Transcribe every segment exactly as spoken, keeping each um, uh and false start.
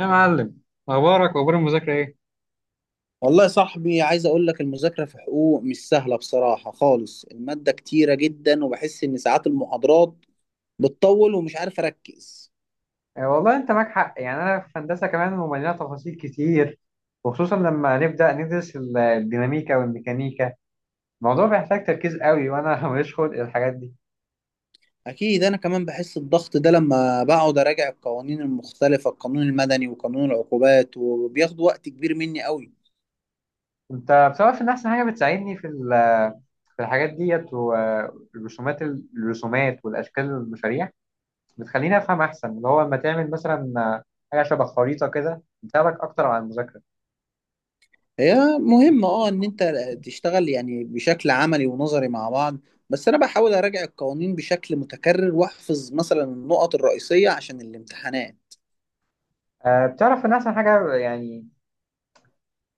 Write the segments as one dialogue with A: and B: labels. A: يا معلم، اخبارك واخبار المذاكره ايه؟
B: والله يا صاحبي، عايز اقول لك المذاكره في حقوق مش سهله بصراحه خالص. الماده كتيره جدا وبحس ان ساعات المحاضرات بتطول ومش عارف اركز.
A: آه، والله انت معاك حق. يعني انا في هندسه كمان، ومليانه تفاصيل كتير، وخصوصا لما نبدا ندرس ال- الديناميكا والميكانيكا. الموضوع بيحتاج تركيز قوي وانا ماليش خلق الحاجات دي.
B: اكيد انا كمان بحس الضغط ده لما بقعد اراجع القوانين المختلفه، القانون المدني وقانون العقوبات، وبياخد وقت كبير مني قوي.
A: انت بصراحه ان احسن حاجه بتساعدني في ال- في الحاجات ديت والرسومات، الرسومات والاشكال والمشاريع، بتخليني افهم احسن. اللي هو لما تعمل مثلا آه، حاجه شبه خريطه كده، بتساعدك اكتر على المذاكره.
B: هي مهمه اه ان انت تشتغل يعني بشكل عملي ونظري مع بعض. بس انا بحاول اراجع القوانين بشكل متكرر واحفظ مثلا النقط الرئيسيه عشان الامتحانات.
A: آه، بتعرف ان احسن حاجه؟ يعني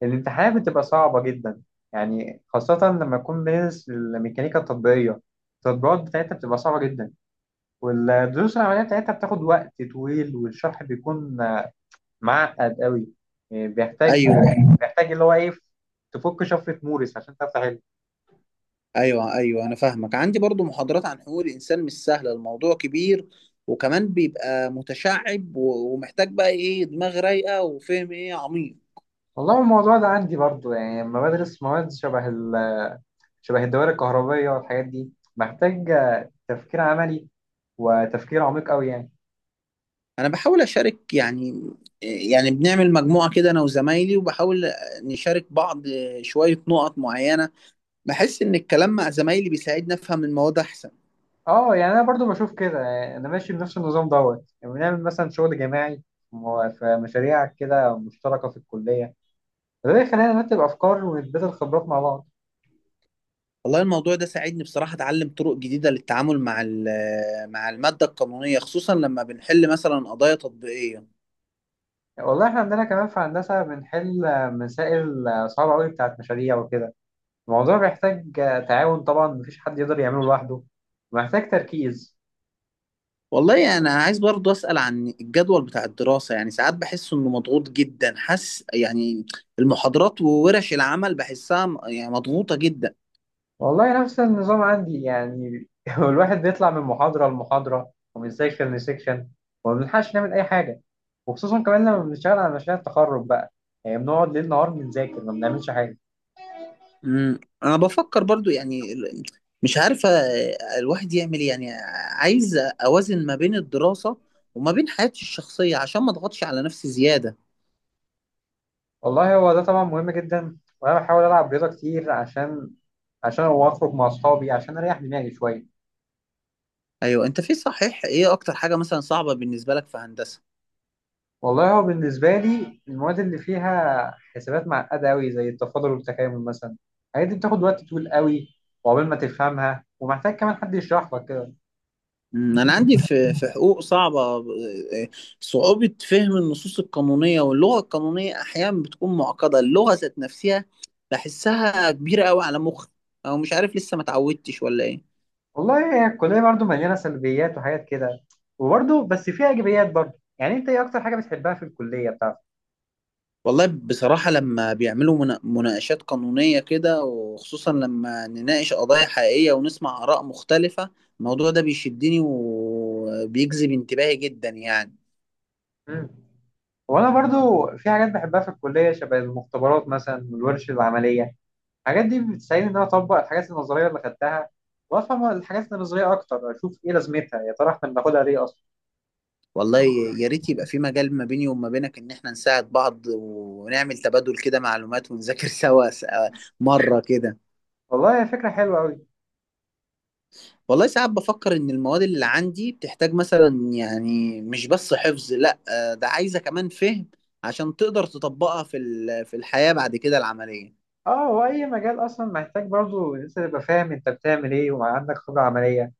A: الامتحانات بتبقى صعبة جدا، يعني خاصة لما يكون بندرس الميكانيكا التطبيقية. التطبيقات بتاعتها بتبقى صعبة جدا، والدروس العملية بتاعتها بتاخد وقت طويل، والشرح بيكون معقد قوي. يعني بيحتاج
B: ايوه، أيوه.
A: بيحتاج اللي هو ايه، تفك شفرة مورس عشان تعرف تحل.
B: ايوه، ايوه، انا فاهمك. عندي برضو محاضرات عن حقوق الانسان، مش سهله، الموضوع كبير، وكمان بيبقى متشعب و- ومحتاج بقى ايه دماغ رايقه وفهم ايه عميق.
A: والله الموضوع ده عندي برضو. يعني لما بدرس مواد شبه ال... شبه الدوائر الكهربية والحاجات دي، محتاج تفكير عملي وتفكير عميق قوي يعني.
B: انا بحاول اشارك يعني يعني بنعمل مجموعه كده انا وزمايلي، وبحاول نشارك بعض شويه نقط معينه. بحس ان الكلام مع زمايلي بيساعدني افهم المواد احسن.
A: اه، يعني انا برضو بشوف كده. يعني انا ماشي بنفس النظام دوت، يعني بنعمل مثلا شغل جماعي، مو- في مشاريع كده مشتركه في الكليه، فده بيخلينا نرتب افكار ونتبادل خبرات مع بعض.
B: والله الموضوع ده ساعدني بصراحه اتعلم طرق جديده للتعامل مع ال- مع الماده القانونيه، خصوصا لما بنحل مثلا قضايا تطبيقيه.
A: يعني والله احنا عندنا كمان في هندسه بنحل مسائل صعبه قوي بتاعت مشاريع وكده. الموضوع بيحتاج تعاون طبعا، مفيش حد يقدر يعمله لوحده، ومحتاج تركيز.
B: والله انا عايز برضو اسال عن الجدول بتاع الدراسه. يعني ساعات بحس انه مضغوط جدا، حاسس يعني المحاضرات وورش العمل بحسها م- يعني مضغوطه جدا.
A: والله نفس النظام عندي يعني هو الواحد بيطلع من محاضرة لمحاضرة ومن سيكشن لسيكشن، وما بنلحقش نعمل أي حاجة. وخصوصا كمان لما بنشتغل على مشاريع التخرج بقى، يعني بنقعد ليل نهار بنذاكر ما بنعملش حاجة.
B: امم انا بفكر برضو يعني ال- مش عارفه الواحد يعمل إيه. يعني عايز اوازن ما بين الدراسه وما بين حياتي الشخصيه، عشان ما اضغطش على نفسي زياده.
A: والله هو ده طبعا مهم جدا، وأنا بحاول ألعب رياضة كتير عشان عشان هو أخرج مع أصحابي عشان أريح دماغي شوية.
B: ايوه، انت في صحيح. ايه اكتر حاجه مثلا صعبه بالنسبه لك في هندسه؟
A: والله هو بالنسبة لي المواد اللي فيها حسابات معقدة أوي زي التفاضل والتكامل مثلا، الحاجات دي بتاخد وقت طويل أوي وعقبال ما تفهمها، ومحتاج كمان حد يشرح لك كده.
B: مم، أنا عندي في في حقوق صعبة، صعوبة فهم النصوص القانونية واللغة القانونية. أحيانا بتكون معقدة اللغة ذات نفسها، بحسها كبيرة أوي على مخي، أو مش عارف لسه ما اتعودتش ولا إيه.
A: والله هي الكلية برضو مليانة سلبيات وحاجات كده، وبرضو بس فيها إيجابيات برضو. يعني أنت إيه أكتر حاجة بتحبها في الكلية بتاعتك؟
B: والله بصراحة لما بيعملوا منا- مناقشات قانونية كده، وخصوصا لما نناقش قضايا حقيقية ونسمع آراء مختلفة، الموضوع ده بيشدني وبيجذب انتباهي جدا يعني.
A: مم. وأنا برضو في حاجات بحبها في الكلية، شبه المختبرات مثلا والورش العملية. الحاجات دي بتساعدني إن أنا أطبق الحاجات النظرية اللي خدتها، وأفهم الحاجات النظرية أكتر، أشوف إيه لازمتها يا ترى، إحنا بناخدها ليه أصلا.
B: والله يا ريت يبقى في مجال ما بيني وما بينك، ان احنا نساعد بعض ونعمل تبادل كده معلومات ونذاكر سوا س- آه، مرة كده.
A: والله هي فكرة حلوة أوي.
B: والله ساعات بفكر ان المواد اللي عندي بتحتاج مثلا يعني مش بس حفظ، لا آه، ده عايزة كمان فهم، عشان تقدر تطبقها في ال- في الحياة بعد كده العملية.
A: أه، هو أي مجال أصلا محتاج برضو إن أنت تبقى فاهم أنت بتعمل إيه وعندك خبرة عملية.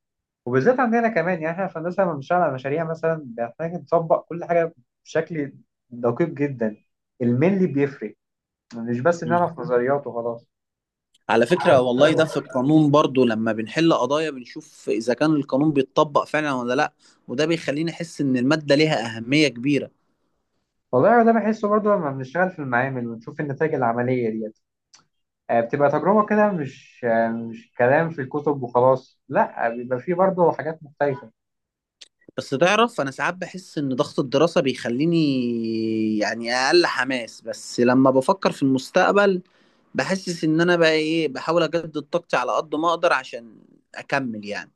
A: وبالذات عندنا كمان، يعني احنا في هندسه لما بنشتغل على مشاريع مثلا بنحتاج نطبق كل حاجه بشكل دقيق جدا، الملي بيفرق، مش بس
B: مم.
A: نعرف نظريات وخلاص.
B: على فكرة والله ده في القانون برضو، لما بنحل قضايا بنشوف إذا كان القانون بيتطبق فعلا ولا لأ، وده بيخليني أحس إن المادة ليها أهمية كبيرة.
A: والله ده بحسه برضه لما بنشتغل في المعامل ونشوف النتائج العمليه ديت. آه، بتبقى تجربه كده، مش آه، مش كلام في الكتب وخلاص، لا، بيبقى فيه برضه حاجات مختلفه.
B: بس تعرف انا ساعات بحس ان ضغط الدراسة بيخليني يعني اقل حماس، بس لما بفكر في المستقبل بحسس ان انا بقى ايه بحاول اجدد طاقتي على قد ما اقدر عشان اكمل يعني.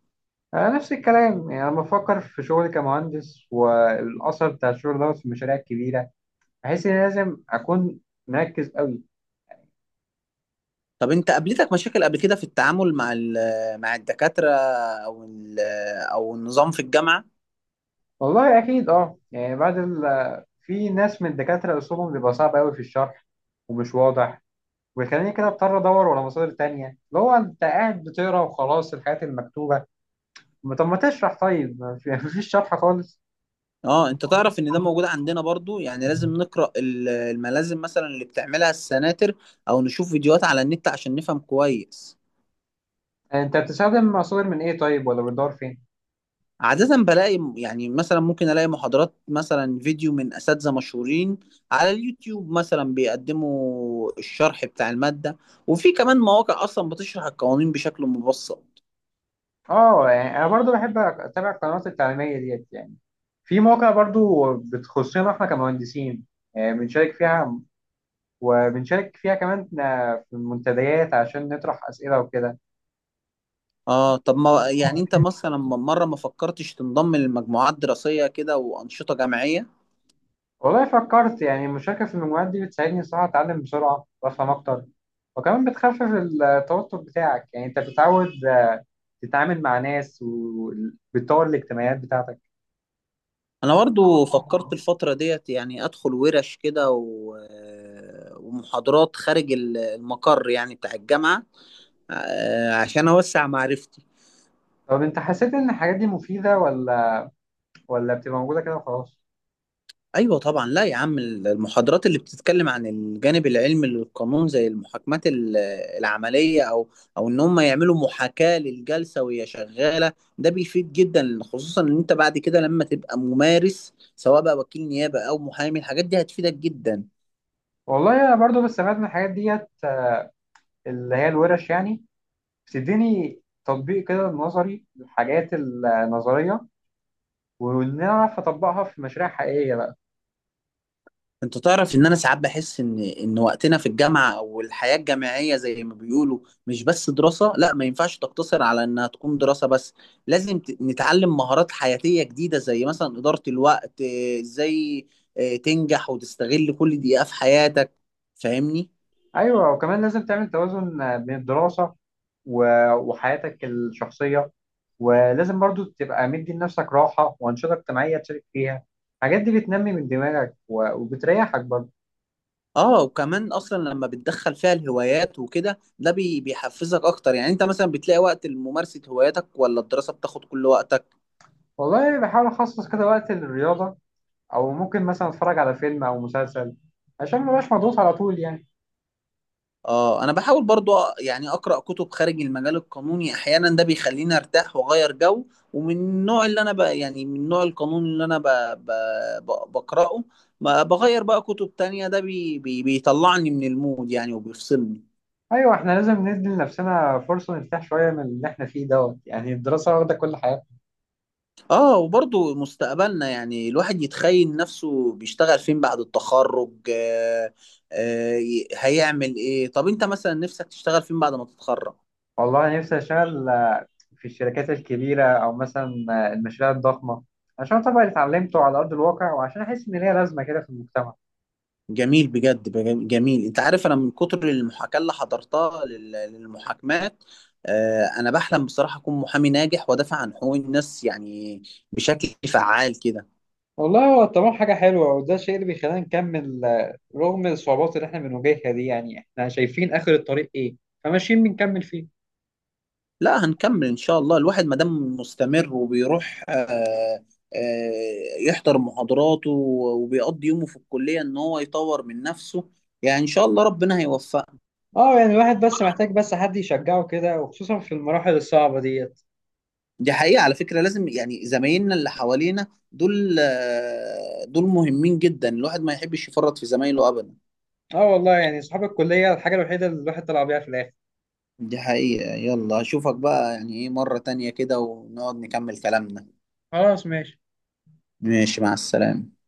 A: آه، نفس الكلام. يعني لما بفكر في شغلي كمهندس والاثر بتاع الشغل دوت في المشاريع الكبيره، بحس ان لازم اكون مركز قوي.
B: طب انت، قابلتك مشاكل قبل كده في التعامل مع ال- مع الدكاترة او ال- او النظام في الجامعة؟
A: والله اكيد، اه. يعني بعد ال... في ناس من الدكاتره اسلوبهم بيبقى صعب قوي في الشرح ومش واضح، ويخليني كده اضطر ادور ولا مصادر تانية، اللي هو انت قاعد بتقرا وخلاص الحاجات المكتوبه. ما- طب ما تشرح، طيب ما في- مفيش شرح خالص.
B: اه، انت تعرف ان ده موجود عندنا برضو. يعني لازم نقرأ ال- الملازم مثلا اللي بتعملها السناتر، او نشوف فيديوهات على النت عشان نفهم كويس.
A: انت بتستخدم مصادر من ايه طيب، ولا بتدور فين؟
B: عادة بلاقي يعني، مثلا ممكن ألاقي محاضرات مثلا فيديو من أساتذة مشهورين على اليوتيوب مثلا بيقدموا الشرح بتاع المادة، وفي كمان مواقع أصلا بتشرح القوانين بشكل مبسط.
A: اه، يعني انا برضو بحب اتابع القنوات التعليميه ديت. يعني في مواقع برضو بتخصنا احنا كمهندسين، آه، بنشارك فيها، وبنشارك فيها كمان آه، في المنتديات عشان نطرح اسئله وكده.
B: آه طب ما يعني، أنت مثلا م- مرة ما فكرتش تنضم لمجموعات دراسية كده وأنشطة جامعية؟
A: والله فكرت. يعني المشاركة في المجموعات دي بتساعدني الصراحة أتعلم بسرعة وأفهم أكتر، وكمان بتخفف التوتر بتاعك. يعني أنت بتتعود آه، تتعامل مع ناس، وبتطور الاجتماعيات بتاعتك.
B: أنا برضو فكرت الفترة ديت، يعني أدخل ورش كده و... آه، ومحاضرات خارج ال- المقر يعني بتاع الجامعة، آه، عشان أوسع معرفتي.
A: طب أنت حسيت إن الحاجات دي مفيدة، ولا ولا بتبقى موجودة كده وخلاص؟
B: ايوه طبعا، لا يا عم، المحاضرات اللي بتتكلم عن الجانب العلمي للقانون زي المحاكمات ال- العمليه، او او ان هم يعملوا محاكاه للجلسه وهي شغاله، ده بيفيد جدا. خصوصا ان انت بعد كده لما تبقى ممارس، سواء بقى وكيل نيابه او محامي، الحاجات دي هتفيدك جدا.
A: والله أنا برضو بستفاد من الحاجات ديت، آه، اللي هي الورش يعني، بتديني تطبيق كده نظري للحاجات النظرية، وإن أنا أعرف أطبقها في مشاريع حقيقية بقى.
B: انت تعرف ان انا ساعات بحس ان ان وقتنا في الجامعه، او الحياه الجامعيه زي ما بيقولوا، مش بس دراسه، لا ما ينفعش تقتصر على انها تكون دراسه بس. لازم ت- نتعلم مهارات حياتيه جديده زي مثلا اداره الوقت، اه، ازاي اه، تنجح وتستغل كل دقيقه في حياتك، فاهمني؟
A: ايوه، وكمان لازم تعمل توازن آه، بين الدراسه و- وحياتك الشخصيه، ولازم برضو تبقى مدي لنفسك راحه وانشطه اجتماعيه تشارك فيها. الحاجات دي بتنمي من دماغك و- وبتريحك برضو.
B: اه، وكمان اصلا لما بتدخل فيها الهوايات وكده، ده بي- بيحفزك اكتر. يعني انت مثلا بتلاقي وقت لممارسه هواياتك، ولا الدراسه بتاخد كل وقتك؟
A: والله يعني بحاول اخصص كده وقت للرياضه، او ممكن مثلا اتفرج على فيلم او مسلسل، عشان ما بقاش مضغوط على طول يعني.
B: اه، انا بحاول برضو يعني اقرا كتب خارج المجال القانوني احيانا، ده بيخليني ارتاح واغير جو. ومن النوع اللي انا بقى يعني، من النوع القانون اللي انا ب... ب... ب... بقراه، ما بغير بقى كتب تانية، ده بي... بي... بيطلعني من المود يعني وبيفصلني.
A: ايوه، احنا لازم ندي لنفسنا فرصه نرتاح شويه من اللي احنا فيه دوت، يعني الدراسه واخده كل حاجه.
B: اه، وبرضو مستقبلنا، يعني الواحد يتخيل نفسه بيشتغل فين بعد التخرج، آه... آه... هيعمل ايه؟ طب انت مثلا نفسك تشتغل فين بعد ما تتخرج؟
A: والله نفسي اشتغل في الشركات الكبيرة، أو مثلا المشاريع الضخمة، عشان أطبق اللي اتعلمته على أرض الواقع، وعشان أحس إن ليا لازمة كده في المجتمع.
B: جميل، بجد بج- جميل. انت عارف انا من كتر المحاكاة اللي حضرتها لل- للمحاكمات، آه، انا بحلم بصراحة اكون محامي ناجح وادافع عن حقوق الناس، يعني بشكل فعال كده.
A: والله هو الطموح حاجة حلوة، وده الشيء اللي بيخلينا نكمل آه، رغم الصعوبات اللي احنا بنواجهها دي. يعني احنا شايفين آخر الطريق ايه، فماشيين بنكمل فيه.
B: لا، هنكمل ان شاء الله. الواحد ما دام مستمر وبيروح آه، آه، يحضر محاضراته وبيقضي يومه في الكلية ان هو يطور من نفسه، يعني ان شاء الله ربنا هيوفقه.
A: اه، يعني الواحد بس محتاج بس حد يشجعه كده، وخصوصا في المراحل الصعبة ديت.
B: دي حقيقة على فكرة، لازم يعني زمايلنا اللي حوالينا دول آه، دول مهمين جدا، الواحد ما يحبش يفرط في زمايله أبدا.
A: اه والله، يعني صحاب الكلية الحاجة الوحيدة اللي الواحد طلع بيها في الآخر.
B: دي حقيقة. يلا أشوفك بقى يعني إيه مرة تانية كده، ونقعد نكمل كلامنا.
A: خلاص، ماشي.
B: ماشي، مع السلامة.